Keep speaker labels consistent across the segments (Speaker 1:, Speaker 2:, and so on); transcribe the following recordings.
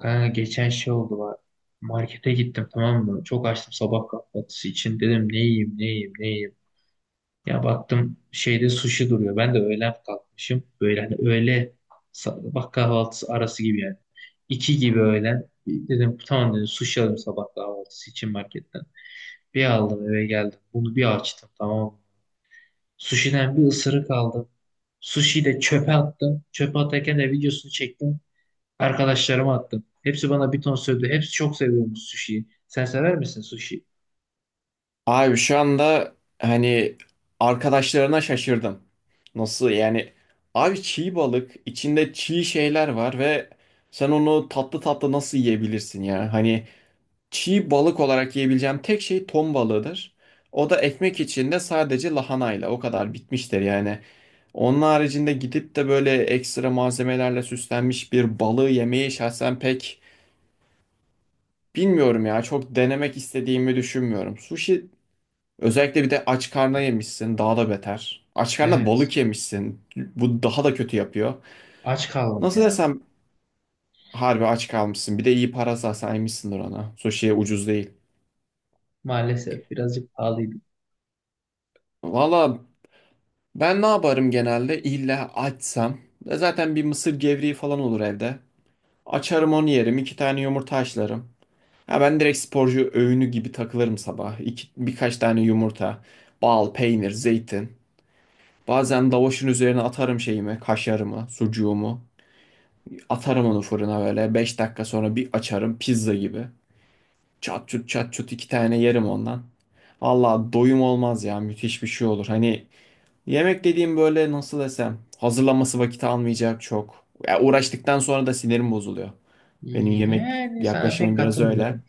Speaker 1: Kanka geçen şey oldu var. Markete gittim, tamam mı? Çok açtım sabah kahvaltısı için. Dedim ne yiyeyim, ne yiyeyim, ne yiyeyim. Ya baktım şeyde sushi duruyor. Ben de öğlen kalkmışım. Böyle hani öğle sabah kahvaltısı arası gibi yani. İki gibi öğlen. Dedim tamam, dedim sushi alayım sabah kahvaltısı için marketten. Bir aldım, eve geldim. Bunu bir açtım, tamam mı? Sushi'den bir ısırık aldım. Sushi'yi de çöpe attım. Çöpe atarken de videosunu çektim. Arkadaşlarıma attım. Hepsi bana bir ton söyledi. Hepsi çok seviyormuş sushi'yi. Sen sever misin sushi?
Speaker 2: Abi şu anda arkadaşlarına şaşırdım. Nasıl yani? Abi çiğ balık, içinde çiğ şeyler var ve sen onu tatlı tatlı nasıl yiyebilirsin ya? Hani çiğ balık olarak yiyebileceğim tek şey ton balığıdır. O da ekmek içinde sadece lahanayla o kadar bitmiştir yani. Onun haricinde gidip de böyle ekstra malzemelerle süslenmiş bir balığı yemeyi şahsen pek bilmiyorum ya. Çok denemek istediğimi düşünmüyorum. Sushi özellikle bir de aç karna yemişsin, daha da beter. Aç karna
Speaker 1: Evet.
Speaker 2: balık yemişsin. Bu daha da kötü yapıyor.
Speaker 1: Aç kaldım
Speaker 2: Nasıl
Speaker 1: ya.
Speaker 2: desem harbi aç kalmışsın. Bir de iyi para saymışsındır ona. Sushi'ye ucuz değil.
Speaker 1: Maalesef birazcık pahalıydı.
Speaker 2: Valla ben ne yaparım genelde? İlla açsam. E zaten bir mısır gevreği falan olur evde. Açarım onu yerim. İki tane yumurta haşlarım. Ha ben direkt sporcu öğünü gibi takılırım sabah. İki, birkaç tane yumurta, bal, peynir, zeytin. Bazen lavaşın üzerine atarım şeyimi, kaşarımı, sucuğumu. Atarım onu fırına böyle. Beş dakika sonra bir açarım pizza gibi. Çat çut çat çut iki tane yerim ondan. Valla doyum olmaz ya, müthiş bir şey olur. Hani yemek dediğim böyle nasıl desem hazırlanması vakit almayacak çok. Ya uğraştıktan sonra da sinirim bozuluyor. Benim yemek
Speaker 1: Yani sana pek
Speaker 2: yaklaşımım biraz öyle.
Speaker 1: katılmıyorum.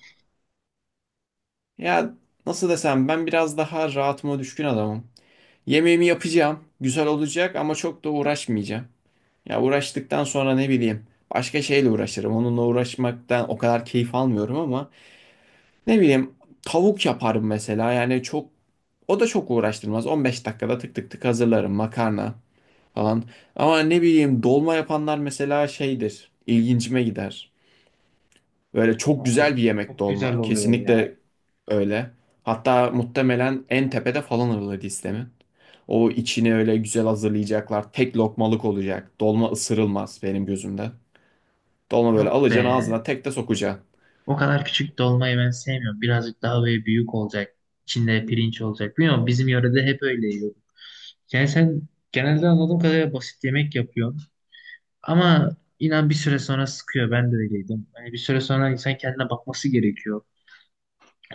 Speaker 2: Ya nasıl desem ben biraz daha rahatıma düşkün adamım. Yemeğimi yapacağım. Güzel olacak ama çok da uğraşmayacağım. Ya uğraştıktan sonra ne bileyim başka şeyle uğraşırım. Onunla uğraşmaktan o kadar keyif almıyorum ama ne bileyim tavuk yaparım mesela. Yani çok o da çok uğraştırmaz. 15 dakikada tık tık tık hazırlarım makarna falan. Ama ne bileyim dolma yapanlar mesela şeydir. İlgincime gider. Böyle çok
Speaker 1: Ama
Speaker 2: güzel bir yemek
Speaker 1: çok güzel
Speaker 2: dolma.
Speaker 1: oluyor ya.
Speaker 2: Kesinlikle öyle. Hatta muhtemelen en tepede falan alır listemin. O içini öyle güzel hazırlayacaklar. Tek lokmalık olacak. Dolma ısırılmaz benim gözümde. Dolma böyle
Speaker 1: Yok
Speaker 2: alacaksın
Speaker 1: be.
Speaker 2: ağzına tek de sokacaksın.
Speaker 1: O kadar küçük dolmayı ben sevmiyorum. Birazcık daha böyle büyük olacak. İçinde pirinç olacak. Bilmiyorum, bizim yörede hep öyle yiyorduk. Yani sen genelde anladığım kadarıyla basit yemek yapıyorsun. Ama inan bir süre sonra sıkıyor. Ben de öyleydim. Hani bir süre sonra insan kendine bakması gerekiyor.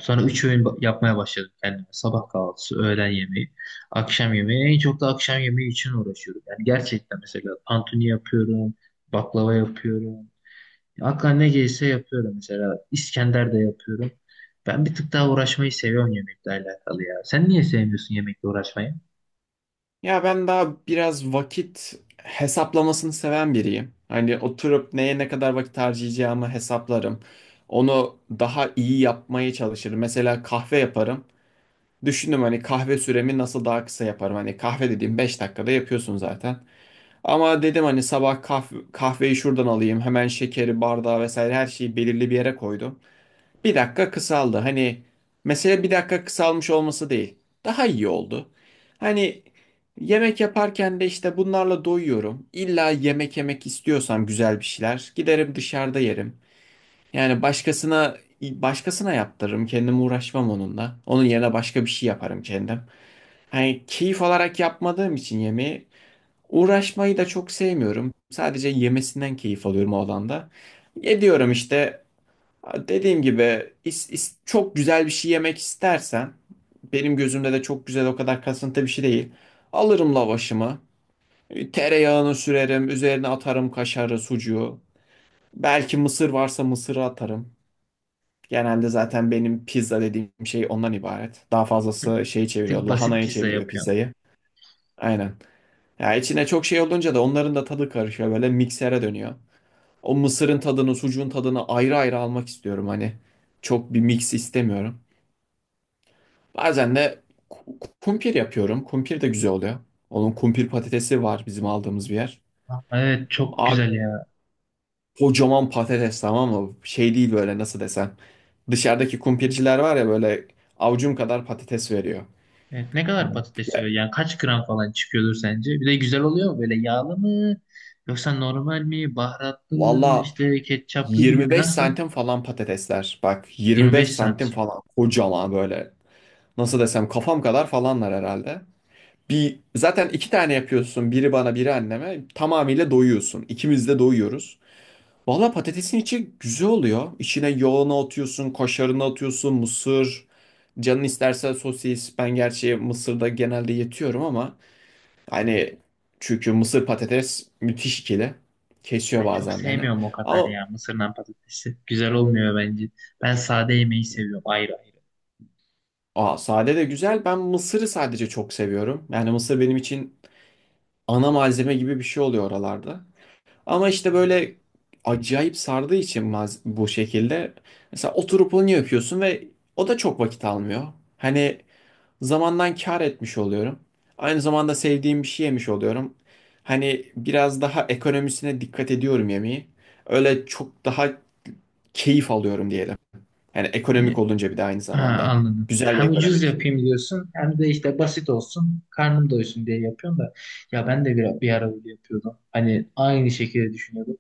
Speaker 1: Sonra üç öğün yapmaya başladım kendime. Sabah kahvaltısı, öğlen yemeği, akşam yemeği. En çok da akşam yemeği için uğraşıyorum. Yani gerçekten mesela tantuni yapıyorum, baklava yapıyorum. Aklıma ne gelirse yapıyorum mesela. İskender de yapıyorum. Ben bir tık daha uğraşmayı seviyorum yemekle alakalı ya. Sen niye sevmiyorsun yemekle uğraşmayı?
Speaker 2: Ya ben daha biraz vakit hesaplamasını seven biriyim. Hani oturup neye ne kadar vakit harcayacağımı hesaplarım. Onu daha iyi yapmaya çalışırım. Mesela kahve yaparım. Düşündüm hani kahve süremi nasıl daha kısa yaparım. Hani kahve dediğim 5 dakikada yapıyorsun zaten. Ama dedim hani sabah kahve, kahveyi şuradan alayım. Hemen şekeri, bardağı vesaire her şeyi belirli bir yere koydum. Bir dakika kısaldı. Hani mesele bir dakika kısalmış olması değil. Daha iyi oldu. Hani yemek yaparken de işte bunlarla doyuyorum. İlla yemek yemek istiyorsam güzel bir şeyler giderim dışarıda yerim. Yani başkasına yaptırırım. Kendim uğraşmam onunla. Onun yerine başka bir şey yaparım kendim. Hani keyif alarak yapmadığım için yemeği uğraşmayı da çok sevmiyorum. Sadece yemesinden keyif alıyorum o alanda. Ediyorum işte. Dediğim gibi çok güzel bir şey yemek istersen benim gözümde de çok güzel o kadar kasıntı bir şey değil. Alırım lavaşımı. Tereyağını sürerim. Üzerine atarım kaşarı, sucuğu. Belki mısır varsa mısırı atarım. Genelde zaten benim pizza dediğim şey ondan ibaret. Daha fazlası şeyi
Speaker 1: Bir
Speaker 2: çeviriyor.
Speaker 1: tık basit
Speaker 2: Lahanayı
Speaker 1: pizza
Speaker 2: çeviriyor
Speaker 1: yapıyorsun.
Speaker 2: pizzayı. Aynen. Ya içine çok şey olunca da onların da tadı karışıyor. Böyle miksere dönüyor. O mısırın tadını, sucuğun tadını ayrı ayrı almak istiyorum hani. Çok bir mix istemiyorum. Bazen de kumpir yapıyorum. Kumpir de güzel oluyor. Onun kumpir patatesi var bizim aldığımız bir yer.
Speaker 1: Aa, evet, çok
Speaker 2: Abi
Speaker 1: güzel ya.
Speaker 2: kocaman patates tamam mı? Şey değil böyle nasıl desem. Dışarıdaki kumpirciler var ya böyle avucum kadar patates veriyor.
Speaker 1: Evet, ne kadar patates
Speaker 2: Ya,
Speaker 1: yiyor? Yani kaç gram falan çıkıyordur sence? Bir de güzel oluyor mu? Böyle yağlı mı? Yoksa normal mi? Baharatlı mı?
Speaker 2: valla
Speaker 1: İşte ketçaplı gibi mi?
Speaker 2: 25
Speaker 1: Nasıl?
Speaker 2: santim falan patatesler. Bak 25
Speaker 1: 25
Speaker 2: santim
Speaker 1: santim.
Speaker 2: falan kocaman böyle. Nasıl desem kafam kadar falanlar herhalde. Bir zaten iki tane yapıyorsun. Biri bana biri anneme. Tamamıyla doyuyorsun. İkimiz de doyuyoruz. Valla patatesin içi güzel oluyor. İçine yoğunu atıyorsun, kaşarını atıyorsun, mısır. Canın isterse sosis. Ben gerçi mısırda genelde yetiyorum ama hani çünkü mısır patates müthiş ikili. Kesiyor
Speaker 1: Ben çok
Speaker 2: bazen beni.
Speaker 1: sevmiyorum o kadar
Speaker 2: Ama
Speaker 1: ya mısırdan patatesi. Güzel olmuyor bence. Ben sade yemeği seviyorum ayrı ayrı.
Speaker 2: aa, sade de güzel. Ben mısırı sadece çok seviyorum. Yani mısır benim için ana malzeme gibi bir şey oluyor oralarda. Ama işte böyle acayip sardığı için bu şekilde. Mesela oturup onu yapıyorsun ve o da çok vakit almıyor. Hani zamandan kâr etmiş oluyorum. Aynı zamanda sevdiğim bir şey yemiş oluyorum. Hani biraz daha ekonomisine dikkat ediyorum yemeği. Öyle çok daha keyif alıyorum diyelim. Yani ekonomik
Speaker 1: Yani
Speaker 2: olunca bir de aynı
Speaker 1: ha,
Speaker 2: zamanda.
Speaker 1: anladım.
Speaker 2: Güzel ve
Speaker 1: Hem ucuz
Speaker 2: ekonomik.
Speaker 1: yapayım diyorsun, hem de işte basit olsun. Karnım doysun diye yapıyorsun da. Ya ben de bir ara öyle yapıyordum. Hani aynı şekilde düşünüyordum.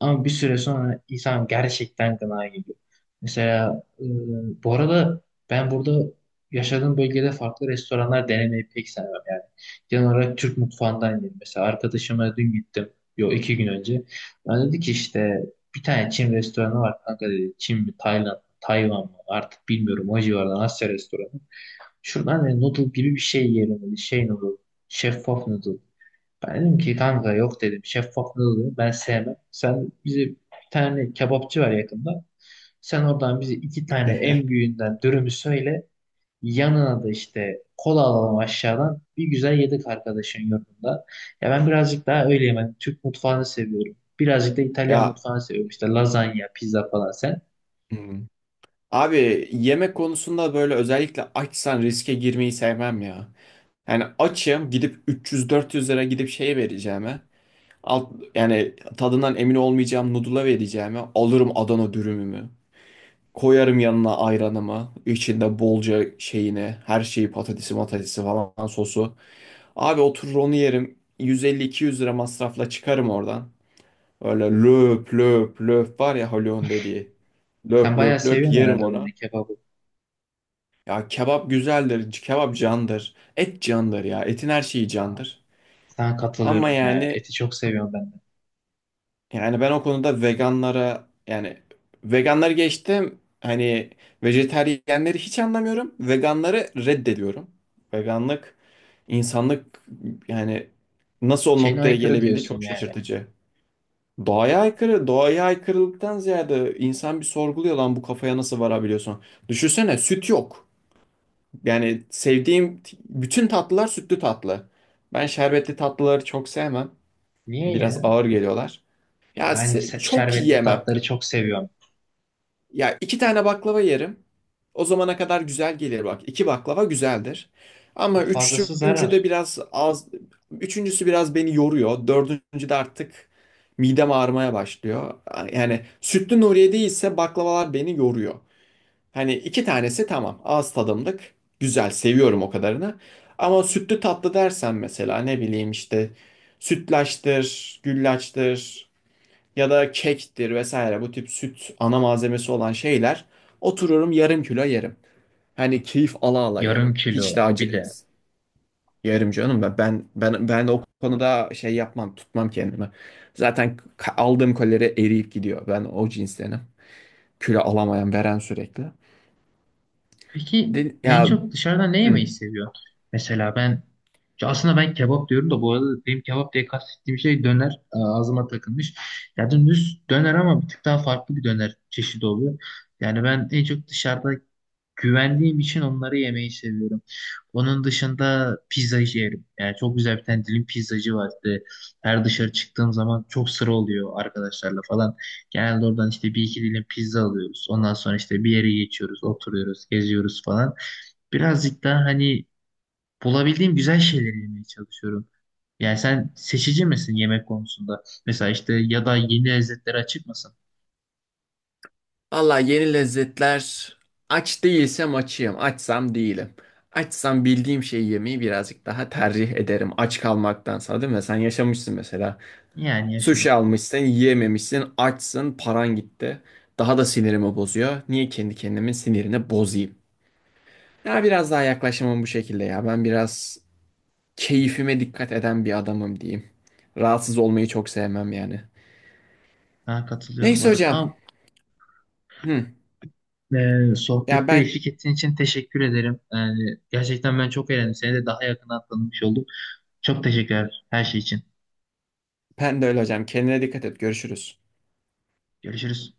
Speaker 1: Ama bir süre sonra insan gerçekten gına geliyor. Mesela bu arada ben burada yaşadığım bölgede farklı restoranlar denemeyi pek sevmem yani. Genel olarak Türk mutfağından yedim. Mesela arkadaşıma dün gittim. Yo, iki gün önce. Ben dedi ki işte bir tane Çin restoranı var kanka dedi. Çin mi, Tayland, Tayvan mı artık bilmiyorum, o civardan Asya restoranı. Şuradan dedi, noodle gibi bir şey yiyelim dedi. Şey noodle. Şeffaf noodle. Ben dedim ki kanka yok, dedim şeffaflığı oluyor ben sevmem. Sen bize bir tane kebapçı var yakında. Sen oradan bize iki tane en büyüğünden dürümü söyle. Yanına da işte kola alalım aşağıdan. Bir güzel yedik arkadaşın yurdunda. Ya ben birazcık daha öyleyim. Ben Türk mutfağını seviyorum. Birazcık da İtalyan
Speaker 2: Ya
Speaker 1: mutfağını seviyorum. İşte lazanya, pizza falan sen.
Speaker 2: hmm. abi yemek konusunda böyle özellikle açsan riske girmeyi sevmem ya. Yani açım gidip 300-400 lira gidip şeye vereceğime yani tadından emin olmayacağım noodle'a vereceğime alırım Adana dürümümü. Koyarım yanına ayranımı. İçinde bolca şeyini. Her şeyi patatesi matatesi falan sosu. Abi oturur onu yerim. 150-200 lira masrafla çıkarım oradan. Öyle löp löp löp var ya Haluk'un dediği.
Speaker 1: Sen
Speaker 2: Löp
Speaker 1: bayağı
Speaker 2: löp löp
Speaker 1: seviyorsun
Speaker 2: yerim
Speaker 1: herhalde
Speaker 2: onu.
Speaker 1: Adana kebabı.
Speaker 2: Ya kebap güzeldir. Kebap candır. Et candır ya. Etin her şeyi
Speaker 1: Aa,
Speaker 2: candır.
Speaker 1: sana
Speaker 2: Ama
Speaker 1: katılıyorum ya.
Speaker 2: yani
Speaker 1: Eti çok seviyorum ben de.
Speaker 2: yani ben o konuda veganlara yani veganları geçtim hani vejetaryenleri hiç anlamıyorum. Veganları reddediyorum. Veganlık insanlık yani nasıl o
Speaker 1: Şeyine
Speaker 2: noktaya
Speaker 1: aykırı
Speaker 2: gelebildi
Speaker 1: diyorsun
Speaker 2: çok
Speaker 1: yani.
Speaker 2: şaşırtıcı. Doğaya aykırı, doğaya aykırılıktan ziyade insan bir sorguluyor lan bu kafaya nasıl varabiliyorsun? Düşünsene süt yok. Yani sevdiğim bütün tatlılar sütlü tatlı. Ben şerbetli tatlıları çok sevmem. Biraz
Speaker 1: Niye?
Speaker 2: ağır geliyorlar.
Speaker 1: Ya
Speaker 2: Ya
Speaker 1: ben
Speaker 2: çok
Speaker 1: şerbetli
Speaker 2: yiyemem.
Speaker 1: tatları çok seviyorum.
Speaker 2: Ya iki tane baklava yerim. O zamana kadar güzel gelir bak. İki baklava güzeldir. Ama
Speaker 1: Fazlası
Speaker 2: üçüncü de
Speaker 1: zarar.
Speaker 2: biraz az. Üçüncüsü biraz beni yoruyor. Dördüncü de artık midem ağrımaya başlıyor. Yani sütlü Nuriye değilse baklavalar beni yoruyor. Hani iki tanesi tamam. Ağız tadımlık. Güzel. Seviyorum o kadarını. Ama sütlü tatlı dersen mesela ne bileyim işte sütlaçtır, güllaçtır ya da kektir vesaire bu tip süt ana malzemesi olan şeyler otururum yarım kilo yerim. Hani keyif ala ala
Speaker 1: Yarım
Speaker 2: yerim. Hiç
Speaker 1: kilo
Speaker 2: de
Speaker 1: bir
Speaker 2: acı
Speaker 1: de.
Speaker 2: yerim canım ben o konuda şey yapmam tutmam kendimi. Zaten aldığım kalori eriyip gidiyor. Ben o cinstenim. Kilo alamayan veren sürekli.
Speaker 1: Peki en
Speaker 2: Ya
Speaker 1: çok dışarıda ne
Speaker 2: hı.
Speaker 1: yemeyi seviyorsun? Mesela ben ya aslında ben kebap diyorum da bu arada benim kebap diye kastettiğim şey döner, ağzıma takılmış. Ya düz döner, ama bir tık daha farklı bir döner çeşidi oluyor. Yani ben en çok dışarıda güvendiğim için onları yemeyi seviyorum. Onun dışında pizzacı yerim. Yani çok güzel bir tane dilim pizzacı vardı. Her dışarı çıktığım zaman çok sıra oluyor arkadaşlarla falan. Genelde oradan işte bir iki dilim pizza alıyoruz. Ondan sonra işte bir yere geçiyoruz, oturuyoruz, geziyoruz falan. Birazcık daha hani bulabildiğim güzel şeyleri yemeye çalışıyorum. Yani sen seçici misin yemek konusunda? Mesela işte ya da yeni lezzetlere açık mısın?
Speaker 2: Vallahi yeni lezzetler aç değilsem açayım, açsam değilim. Açsam bildiğim şeyi yemeyi birazcık daha tercih ederim. Aç kalmaktansa değil mi? Sen yaşamışsın mesela.
Speaker 1: Yani yaşadım.
Speaker 2: Sushi almışsın, yiyememişsin, açsın, paran gitti. Daha da sinirimi bozuyor. Niye kendi kendimin sinirini bozayım? Ya biraz daha yaklaşımım bu şekilde ya. Ben biraz keyfime dikkat eden bir adamım diyeyim. Rahatsız olmayı çok sevmem yani.
Speaker 1: Daha katılıyorum bu
Speaker 2: Neyse
Speaker 1: arada.
Speaker 2: hocam.
Speaker 1: Ama
Speaker 2: Hı. Ya
Speaker 1: sohbette
Speaker 2: ben
Speaker 1: eşlik ettiğin için teşekkür ederim. Yani gerçekten ben çok eğlendim. Seni de daha yakından tanımış oldum. Çok teşekkürler her şey için.
Speaker 2: Ben de öyle hocam. Kendine dikkat et. Görüşürüz.
Speaker 1: Görüşürüz.